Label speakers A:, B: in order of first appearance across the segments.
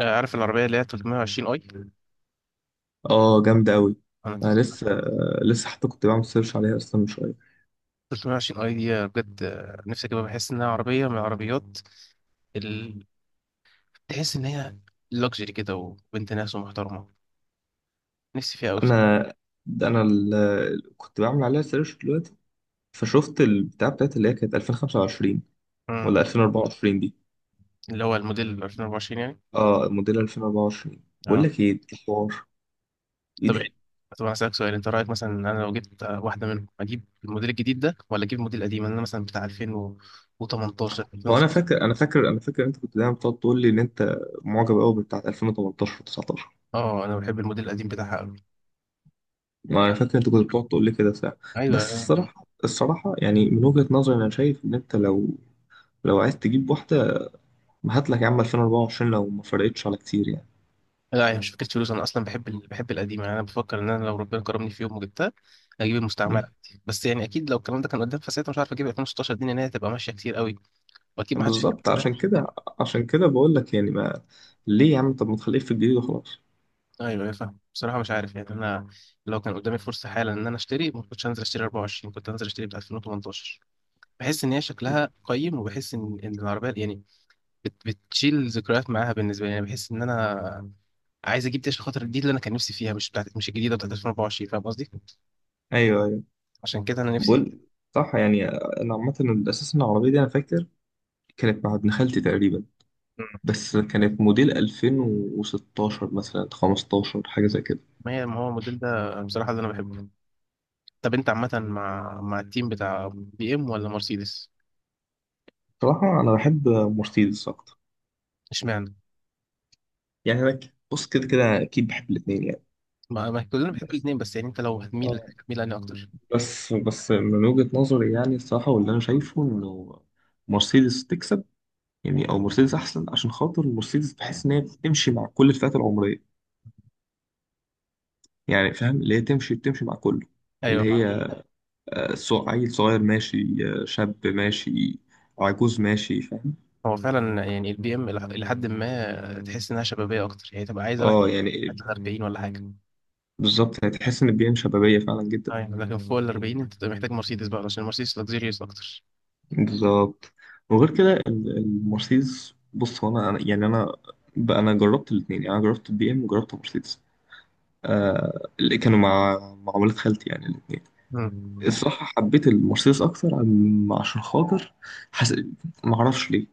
A: آه، عارف العربية اللي هي 320 اي.
B: اه، جامدة أوي. أنا
A: مم.
B: لسه لسه حتى كنت بعمل سيرش عليها أصلا من شوية.
A: 320 اي دي بجد، نفسي اجيبها. بحس انها عربية من العربيات، ال... تحس ان هي لوكسجري كده وبنت ناس ومحترمة. نفسي فيها قوي.
B: أنا أنا ال... كنت بعمل عليها سيرش دلوقتي، فشفت البتاع بتاعت اللي هي كانت 2025 ولا
A: مم.
B: 2024 دي.
A: اللي هو الموديل 2024 يعني.
B: اه، موديل 2024. بقول
A: اه،
B: لك إيه ده حوار، إيه
A: طب إيه؟
B: ده.
A: طب انا اسالك سؤال، انت رايك مثلا ان انا لو جبت واحدة منهم، اجيب الموديل الجديد ده ولا اجيب الموديل القديم؟ انا مثلا بتاع 2018 2000.
B: هو أنا فاكر أنت كنت دايما بتقعد تقول لي إن أنت معجب أوي بتاعت 2018 و19.
A: اه، انا بحب الموديل القديم بتاعها قوي.
B: ما أنا
A: يعني
B: فاكر أنت كنت بتقعد تقول لي كده ساعة. بس
A: ايوه.
B: الصراحة يعني من وجهة نظري أنا شايف إن أنت لو عايز تجيب واحدة، ما هات لك يا عم 2024 لو ما فرقتش على كتير يعني.
A: لا، هي مش فكرة فلوس، أنا أصلا بحب بحب القديم. يعني أنا بفكر إن أنا لو ربنا كرمني في يوم وجبتها، أجيب المستعمرة
B: مم.
A: عندي. بس يعني أكيد لو الكلام ده كان قدام فساعتها مش عارف، أجيب 2016 دي لأن هي هتبقى ماشية كتير قوي، وأكيد ما حدش هيجيب
B: بالظبط،
A: كوبايات
B: عشان كده
A: كتير.
B: عشان كده بقول لك يعني ما، ليه يا عم؟ طب ما تخليك في الجديد وخلاص.
A: أيوه أيوه فاهم. بصراحة مش عارف يعني. أنا لو كان قدامي فرصة حالا إن أنا أشتري، ما كنتش هنزل أشتري 24، كنت هنزل أشتري بتاع 2018. بحس إن هي شكلها قيم، وبحس إن إن العربية يعني بتشيل ذكريات معاها. بالنسبة لي يعني بحس إن أنا عايز أجيب دي عشان خاطر دي اللي أنا كان نفسي فيها، مش الجديدة بتاعت 2024. فاهم قصدي؟
B: ايوه ايوه،
A: عشان كده أنا نفسي
B: بقول صح يعني. انا عامه الاساس ان العربيه دي انا فاكر كانت مع ابن خالتي تقريبا،
A: فيها.
B: بس كانت موديل 2016 مثلا، 15، حاجه زي كده.
A: ما هو الموديل ده بصراحة اللي أنا بحبه. طب أنت عامة مع التيم بتاع بي إم ولا مرسيدس؟
B: صراحه انا بحب مرسيدس اكتر.
A: اشمعنى؟
B: يعني انا بص، كده كده اكيد بحب الاثنين يعني.
A: ما كلنا بنحب
B: بس
A: الاتنين، بس يعني أنت لو هتميل
B: اه،
A: هتميل أنهي أكتر؟
B: بس من وجهة نظري يعني، الصراحة واللي أنا شايفه إنه مرسيدس تكسب. يعني أو مرسيدس أحسن، عشان خاطر مرسيدس بحس إن هي بتمشي مع كل الفئات العمرية. يعني فاهم؟ اللي هي بتمشي مع كله. اللي
A: أيوه
B: هي
A: فعلا.
B: آه، عيل صغير ماشي، آه، شاب ماشي، عجوز ماشي. فاهم؟
A: هو فعلا يعني البي إم إلى حد ما تحس إنها شبابية أكتر، يعني تبقى عايزة واحد
B: اه
A: تحت
B: يعني،
A: ال 40 ولا حاجة.
B: بالظبط، يعني تحس إن بيئة شبابية فعلا جدا.
A: أيوه لكن فوق ال 40 أنت بتبقى محتاج مرسيدس بقى، عشان المرسيدس لكزيريوس أكتر.
B: بالظبط. وغير كده ال- المرسيدس، بص، هو أنا بقى أنا جربت الاتنين. يعني أنا جربت البي إم وجربت مرسيدس، آه، اللي كانوا مع ولاد خالتي يعني الاثنين.
A: مم.
B: الصراحة حبيت المرسيدس أكتر، عشان خاطر حس... معرفش ليه،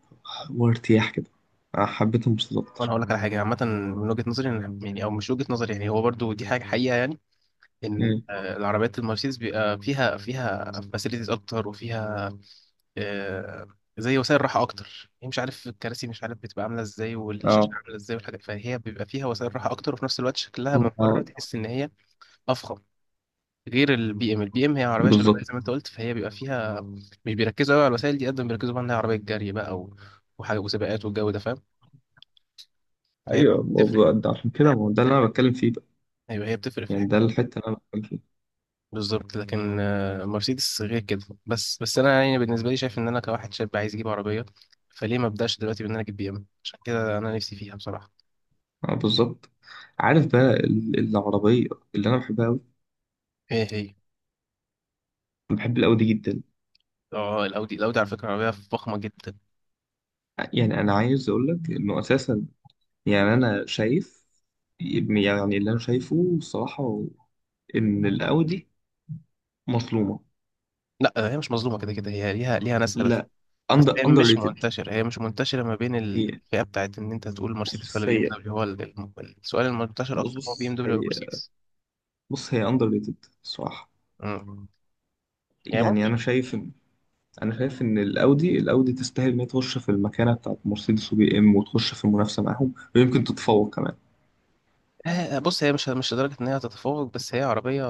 B: هو ارتياح كده. آه، حبيت المرسيدس
A: وأنا
B: أكتر.
A: هقول لك على حاجة عامة من وجهة نظري أنا- يعني أو مش وجهة نظري، يعني هو برضو دي حاجة حقيقة، يعني ان
B: مم.
A: العربيات المرسيدس بيبقى فيها فاسيلتيز اكتر، وفيها آه، زي وسائل راحه اكتر، هي مش عارف الكراسي مش عارف بتبقى عامله ازاي والشاشه
B: اه،
A: عامله ازاي والحاجات. فهي بيبقى فيها وسائل راحه اكتر، وفي نفس الوقت شكلها من بره
B: آه،
A: تحس ان هي افخم. غير البي ام، البي ام هي عربيه شبابيه
B: بالظبط.
A: زي ما انت قلت، فهي بيبقى فيها، مش بيركزوا قوي على الوسائل دي قد ما بيركزوا بقى انها عربيه جري بقى وحاجه وسباقات والجو ده فاهم. فهي
B: أيوه، ما
A: بتفرق.
B: هو ده عشان كده، ما هو ده اللي أنا بتكلم فيه بقى.
A: ايوه هي بتفرق في
B: يعني ده
A: الحاجات.
B: الحتة اللي أنا بتكلم فيها.
A: بالظبط لكن مرسيدس غير كده. بس انا يعني بالنسبه لي شايف ان انا كواحد شاب عايز اجيب عربيه، فليه ما ابداش دلوقتي بان انا اجيب بي ام؟ عشان كده انا نفسي فيها بصراحه.
B: اه بالظبط. عارف بقى ال- العربية اللي أنا بحبها أوي؟
A: ايه هي؟
B: بحب الأودي جدا.
A: اه، الاودي على فكره عربيه فخمه جدا.
B: يعني أنا عايز أقول لك إنه أساسا، يعني أنا شايف، يعني اللي أنا شايفه الصراحة إن الأودي مظلومة.
A: لا، هي مش مظلومه، كده كده هي ليها ناسها. بس
B: لا،
A: بس
B: أندر
A: هي
B: أندر
A: مش
B: ريتد
A: منتشره، هي مش منتشره ما بين
B: هي
A: الفئه بتاعت ان انت تقول
B: بص
A: مرسيدس ولا
B: بص
A: بي ام
B: هي
A: دبليو. هو السؤال المنتشر
B: بص
A: اكتر هو بي ام
B: بص
A: دبليو ولا
B: هي
A: مرسيدس.
B: بص هي أندر ريتد الصراحة.
A: مم. يعني
B: يعني
A: ممكن
B: أنا شايف إن الأودي، الأودي تستاهل إن هي تخش في المكانة بتاعت مرسيدس وبي إم وتخش في المنافسة معاهم، ويمكن تتفوق كمان.
A: بص هي مش لدرجه ان هي هتتفوق، بس هي عربيه.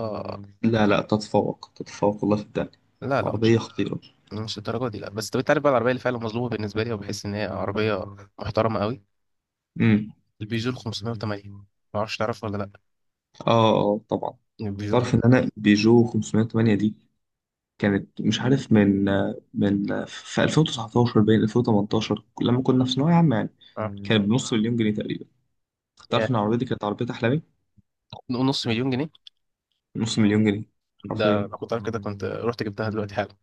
B: لا لا، تتفوق، تتفوق والله في الدنيا.
A: لا لا، مش
B: عربية خطيرة.
A: مش الدرجه دي. لا بس طب انت عارف بقى العربيه اللي فعلا مظلومه بالنسبه لي، وبحس ان هي عربيه محترمه قوي؟
B: امم.
A: البيجو ال 508 ما اعرفش، تعرف ولا لا؟
B: آه آه طبعا.
A: البيجو.
B: تعرف إن أنا بيجو 508 دي كانت، مش عارف، من في 2019 بين 2018 لما كنا في ثانوية عامة يعني،
A: اه،
B: كانت بنص مليون جنيه تقريبا.
A: يا،
B: تعرف ان العربية دي كانت عربية أحلامي.
A: نقول نص مليون جنيه.
B: نص مليون جنيه.
A: ده
B: حرفيا،
A: لو كنت عارف كده كنت رحت جبتها دلوقتي حالا.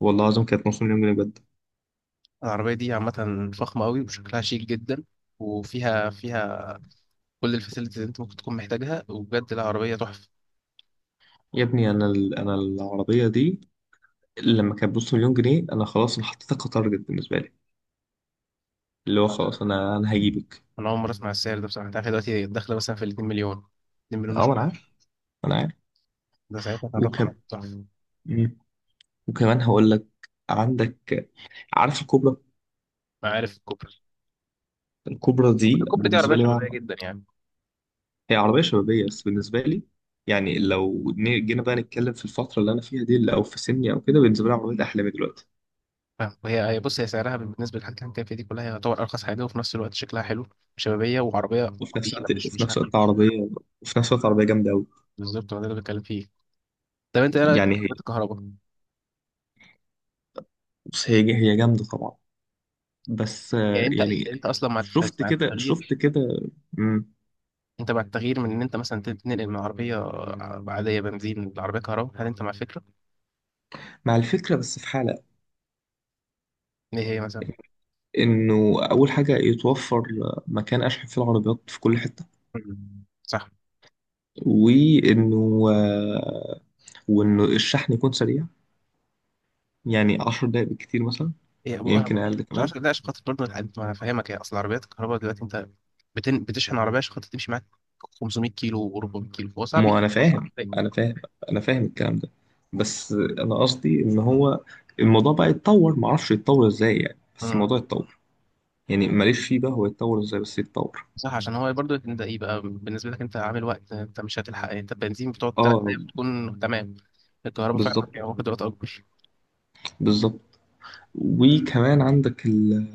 B: والله العظيم كانت نص مليون جنيه بجد.
A: العربيه دي عامه فخمه قوي وشكلها شيك جدا، وفيها كل الفاسيلتيز اللي انت ممكن تكون محتاجها، وبجد العربيه تحفه.
B: يا ابني انا العربية دي لما كانت بنص مليون جنيه، انا خلاص انا حطيتها كتارجت بالنسبة لي، اللي هو خلاص، انا هجيبك.
A: انا اول مره اسمع السعر ده بصراحه. انت عارف دلوقتي هي داخله مثلا في ال 2 مليون، 2 مليون
B: اه، ما انا
A: وشويه؟
B: عارف ما انا عارف
A: ده ساعتها كان رقم
B: وكم.
A: تحفه.
B: مم. وكمان هقول لك، عندك، عارف الكوبرا؟
A: ما عارف الكوبري.
B: الكوبرا دي
A: الكوبري دي عربيه
B: بالنسبة لي بقى،
A: شبابيه جدا يعني
B: هي عربية شبابية، بس بالنسبة لي يعني لو جينا بقى نتكلم في الفترة اللي أنا فيها دي أو في سني أو كده، بالنسبة لي عربية أحلامي دلوقتي.
A: فاهم. وهي بص هي سعرها بالنسبه للحاجات اللي انت فيها دي كلها، هي يعتبر ارخص حاجه، وفي نفس الوقت شكلها حلو وشبابيه وعربيه
B: وفي نفس
A: تقيله،
B: الوقت
A: مش
B: وفي
A: مش
B: نفس الوقت
A: خفيفه.
B: عربية، وفي نفس الوقت عربية جامدة أوي.
A: بالظبط، هو ده اللي بتكلم فيه. طب انت ايه رايك في
B: يعني هي
A: عربيات الكهرباء؟
B: بص هي هي جامدة طبعا، بس
A: يعني
B: آه،
A: انت
B: يعني،
A: انت اصلا مع
B: شفت
A: مع
B: كده شفت
A: التغيير.
B: كده مم،
A: انت مع التغيير من ان انت مثلا تنقل من عربيه عاديه بنزين لعربيه كهرباء؟ هل انت مع الفكره؟
B: مع الفكرة بس في حالة
A: ايه هي مثلا؟
B: إنه أول حاجة يتوفر مكان أشحن فيه العربيات في كل حتة،
A: مم. صح.
B: وإنه آه، وإنه الشحن يكون سريع، يعني 10 دقايق بالكتير مثلا،
A: هي ابو
B: يمكن
A: كهرباء
B: أقل
A: مش
B: كمان.
A: عارف. لا عشان خاطر برضه ما انا فاهمك، هي اصل عربيات الكهرباء دلوقتي انت بتشحن عربيه عشان خاطر تمشي معاك 500 كيلو و400 كيلو. هو صعب
B: ما
A: يجيب.
B: انا فاهم، انا فاهم انا فاهم الكلام ده، بس انا قصدي ان هو الموضوع بقى يتطور، ما اعرفش يتطور ازاي يعني، بس
A: مم.
B: الموضوع يتطور. يعني ماليش فيه بقى هو يتطور ازاي، بس يتطور.
A: صح، عشان هو برضه انت يبقى بالنسبه لك انت عامل وقت، انت مش هتلحق. انت البنزين بتقعد ثلاث
B: اه
A: ايام بتكون تمام. الكهرباء فعلا
B: بالظبط،
A: فيها قدرات اكبر.
B: بالظبط. وكمان عندك ال...،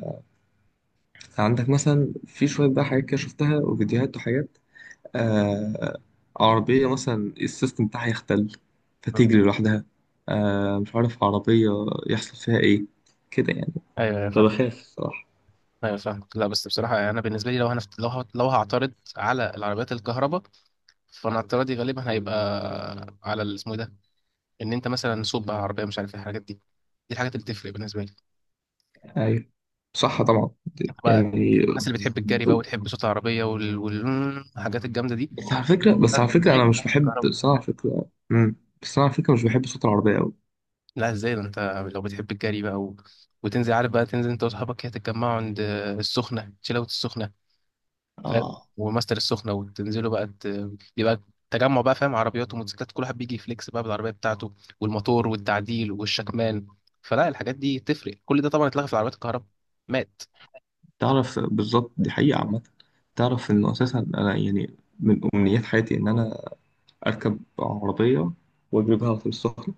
B: عندك مثلا في شويه بقى حاجات كده شفتها، وفيديوهات وحاجات، آه... عربيه مثلا السيستم بتاعها يختل
A: مم.
B: فتجري لوحدها، آه... مش عارف عربيه يحصل فيها ايه كده يعني،
A: ايوه ايوه فاهم.
B: فبخاف الصراحه.
A: ايوه فاهم. لا بس بصراحه انا بالنسبه لي، لو انا لو هعترض على العربيات الكهرباء، فانا اعتراضي غالبا هيبقى على اسمه إيه ده؟ ان انت مثلا سوق بقى عربيه، مش عارف إيه، الحاجات دي الحاجات اللي بتفرق بالنسبه لي
B: ايوه، صح طبعا.
A: انت بقى.
B: يعني
A: الناس اللي بتحب الجري بقى وتحب صوت العربيه والحاجات الجامده دي،
B: بس على فكره بس
A: لا،
B: على
A: ده
B: فكره
A: غير
B: انا مش بحب
A: الكهرباء.
B: بس أنا على فكره، امم، بس أنا على فكره مش بحب صوت العربيه قوي.
A: لا، ازاي ده؟ انت لو بتحب الجري بقى وتنزل عارف بقى، تنزل انت واصحابك كده تتجمعوا عند السخنة، شلة السخنة، ف...
B: اه
A: وماستر السخنة، وتنزلوا بقى بيبقى تجمع بقى فاهم. عربيات وموتوسيكلات، كل واحد بيجي يفليكس بقى بالعربية بتاعته، والموتور والتعديل والشكمان، فلا الحاجات دي تفرق. كل ده طبعا اتلغى في العربيات الكهرباء. مات.
B: تعرف، بالظبط دي حقيقه عامه. تعرف انه اساسا انا يعني من امنيات حياتي ان انا اركب عربيه واجري بيها على طريق السخنه.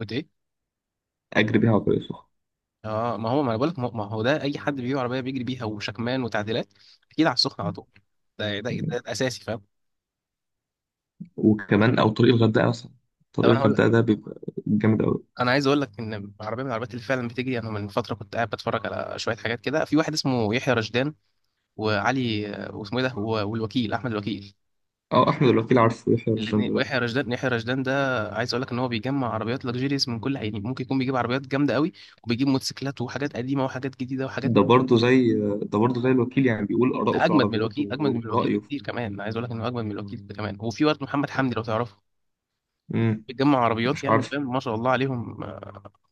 A: قلت ايه؟
B: اجري بيها على طريق السخنه،
A: اه، ما هو ما انا بقول لك، ما هو ده اي حد بيجيب عربية بيجري بيها، وشكمان وتعديلات اكيد على السخنة على طول. ده الاساسي فاهم.
B: وكمان او طريق الغردقه مثلا.
A: طب
B: طريق الغردقه ده بيبقى جامد قوي.
A: انا عايز اقول لك ان عربيه من العربيات اللي فعلا بتجري. انا من فتره كنت قاعد بتفرج على شويه حاجات كده في واحد اسمه يحيى رشدان، وعلي، واسمه ايه ده والوكيل، احمد الوكيل.
B: اه، احمد الوكيل. عارفه يحيى
A: الاثنين،
B: الرجال.
A: ويحيى رشدان. يحيى رشدان ده عايز اقول لك ان هو بيجمع عربيات لكجيريس. من كل يعني ممكن يكون بيجيب عربيات جامده قوي، وبيجيب موتوسيكلات، وحاجات قديمه وحاجات جديده وحاجات
B: ده برضه زي، الوكيل يعني، بيقول آراءه
A: ده
B: في
A: اجمد من
B: العربيات
A: الوكيل اجمد من
B: و-
A: الوكيل
B: ورأيه في-.
A: بكتير كمان. انا عايز اقول لك انه اجمد من الوكيل ده كمان. وفي برضه محمد حمدي لو تعرفه،
B: مم.
A: بيجمع عربيات
B: مش
A: يعني
B: عارف.
A: فاهم، ما شاء الله عليهم،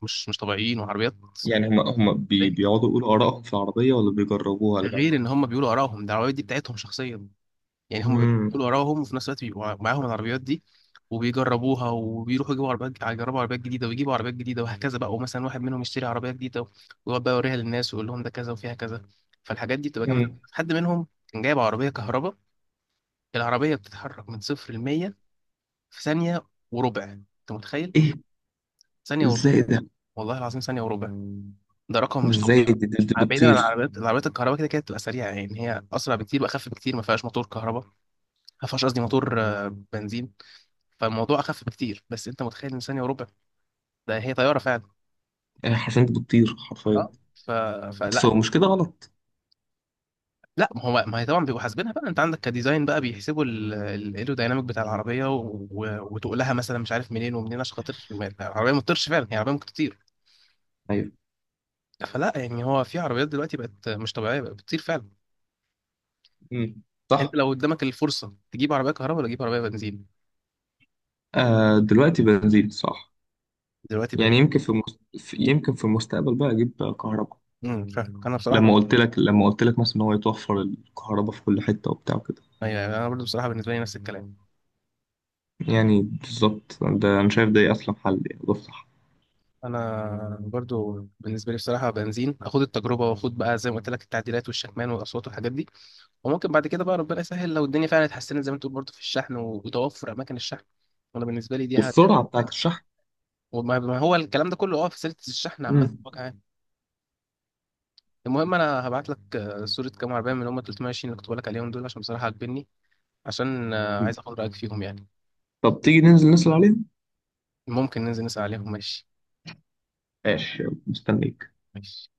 A: مش طبيعيين. وعربيات
B: يعني
A: زي،
B: بيقعدوا يقولوا آرائهم في العربية ولا بيجربوها ولا
A: غير
B: بيعملوا
A: ان
B: إيه؟
A: هم بيقولوا ارائهم، ده العربيات دي بتاعتهم شخصيا، يعني هم
B: مم.
A: بيدخلوا وراهم، وفي نفس الوقت بيبقوا معاهم العربيات دي، وبيجربوها، وبيروحوا يجيبوا عربيات، يجربوا عربيات جديدة، ويجيبوا عربيات جديدة، وهكذا بقى. ومثلا واحد منهم يشتري عربية جديدة، ويقعد بقى يوريها للناس ويقول لهم ده كذا وفيها كذا، فالحاجات دي بتبقى جامدة.
B: مم.
A: حد منهم كان جايب عربية كهرباء، العربية بتتحرك من صفر لمية في ثانية وربع. أنت متخيل؟
B: إيه؟
A: ثانية وربع.
B: إزاي ده؟
A: والله العظيم ثانية وربع. ده رقم مش
B: إزاي
A: طبيعي.
B: دي,
A: بعيدا عن
B: بتطير؟
A: العربيات الكهرباء كده كده بتبقى سريعه يعني، هي اسرع بكتير واخف بكتير، ما فيهاش موتور كهرباء، ما فيهاش قصدي موتور بنزين. فالموضوع اخف بكتير، بس انت متخيل ان ثانيه وربع؟ ده هي طياره فعلا.
B: آه، حرفيا دي بتطير حرفيا.
A: اه،
B: بس
A: فلا.
B: هو مش كده غلط؟
A: لا ما هي طبعا بيبقوا حاسبينها بقى، انت عندك كديزاين بقى بيحسبوا الايرودايناميك بتاع العربيه وتقلها مثلا مش عارف منين ومنين عشان خاطر العربيه ما تطيرش، فعلا هي عربيه ممكن تطير.
B: أيوه.
A: فلا يعني هو في عربيات دلوقتي بقت مش طبيعيه، بقت بتطير فعلا.
B: مم.
A: انت
B: صح.
A: لو قدامك الفرصه تجيب عربيه كهرباء ولا تجيب عربيه بنزين؟
B: آه دلوقتي بنزين، صح.
A: دلوقتي
B: يعني يمكن في, مست... في يمكن في المستقبل بقى أجيب كهرباء.
A: فعلا، انا بصراحه بقى.
B: لما قلت لك مثلا إن هو يتوفر الكهرباء في كل حتة وبتاع وكده.
A: أيوة، انا برضه بصراحه بالنسبه لي نفس الكلام.
B: يعني بالظبط، ده انا شايف ده اصلا حل، يعني ده صح.
A: انا برضو بالنسبه لي بصراحه بنزين، اخد التجربه واخد بقى زي ما قلت لك التعديلات والشكمان والاصوات والحاجات دي، وممكن بعد كده بقى ربنا يسهل لو الدنيا فعلا اتحسنت زي ما تقول برضو في الشحن وتوفر اماكن الشحن. انا بالنسبه لي دي
B: والسرعه بتاعت
A: حاجه.
B: الشحن.
A: وما ما هو الكلام ده كله اه في سلسله الشحن عامه
B: مم.
A: بوجه عام. المهم انا هبعت لك صوره كام عربيه من اللي هم 320 اللي كنت بقول لك عليهم دول، عشان بصراحه عاجبني. عشان عايز اخد رايك فيهم يعني.
B: طب تيجي ننزل نسأل عليهم؟
A: ممكن ننزل نسال عليهم ماشي.
B: ماشي، يلا مستنيك.
A: ماشي.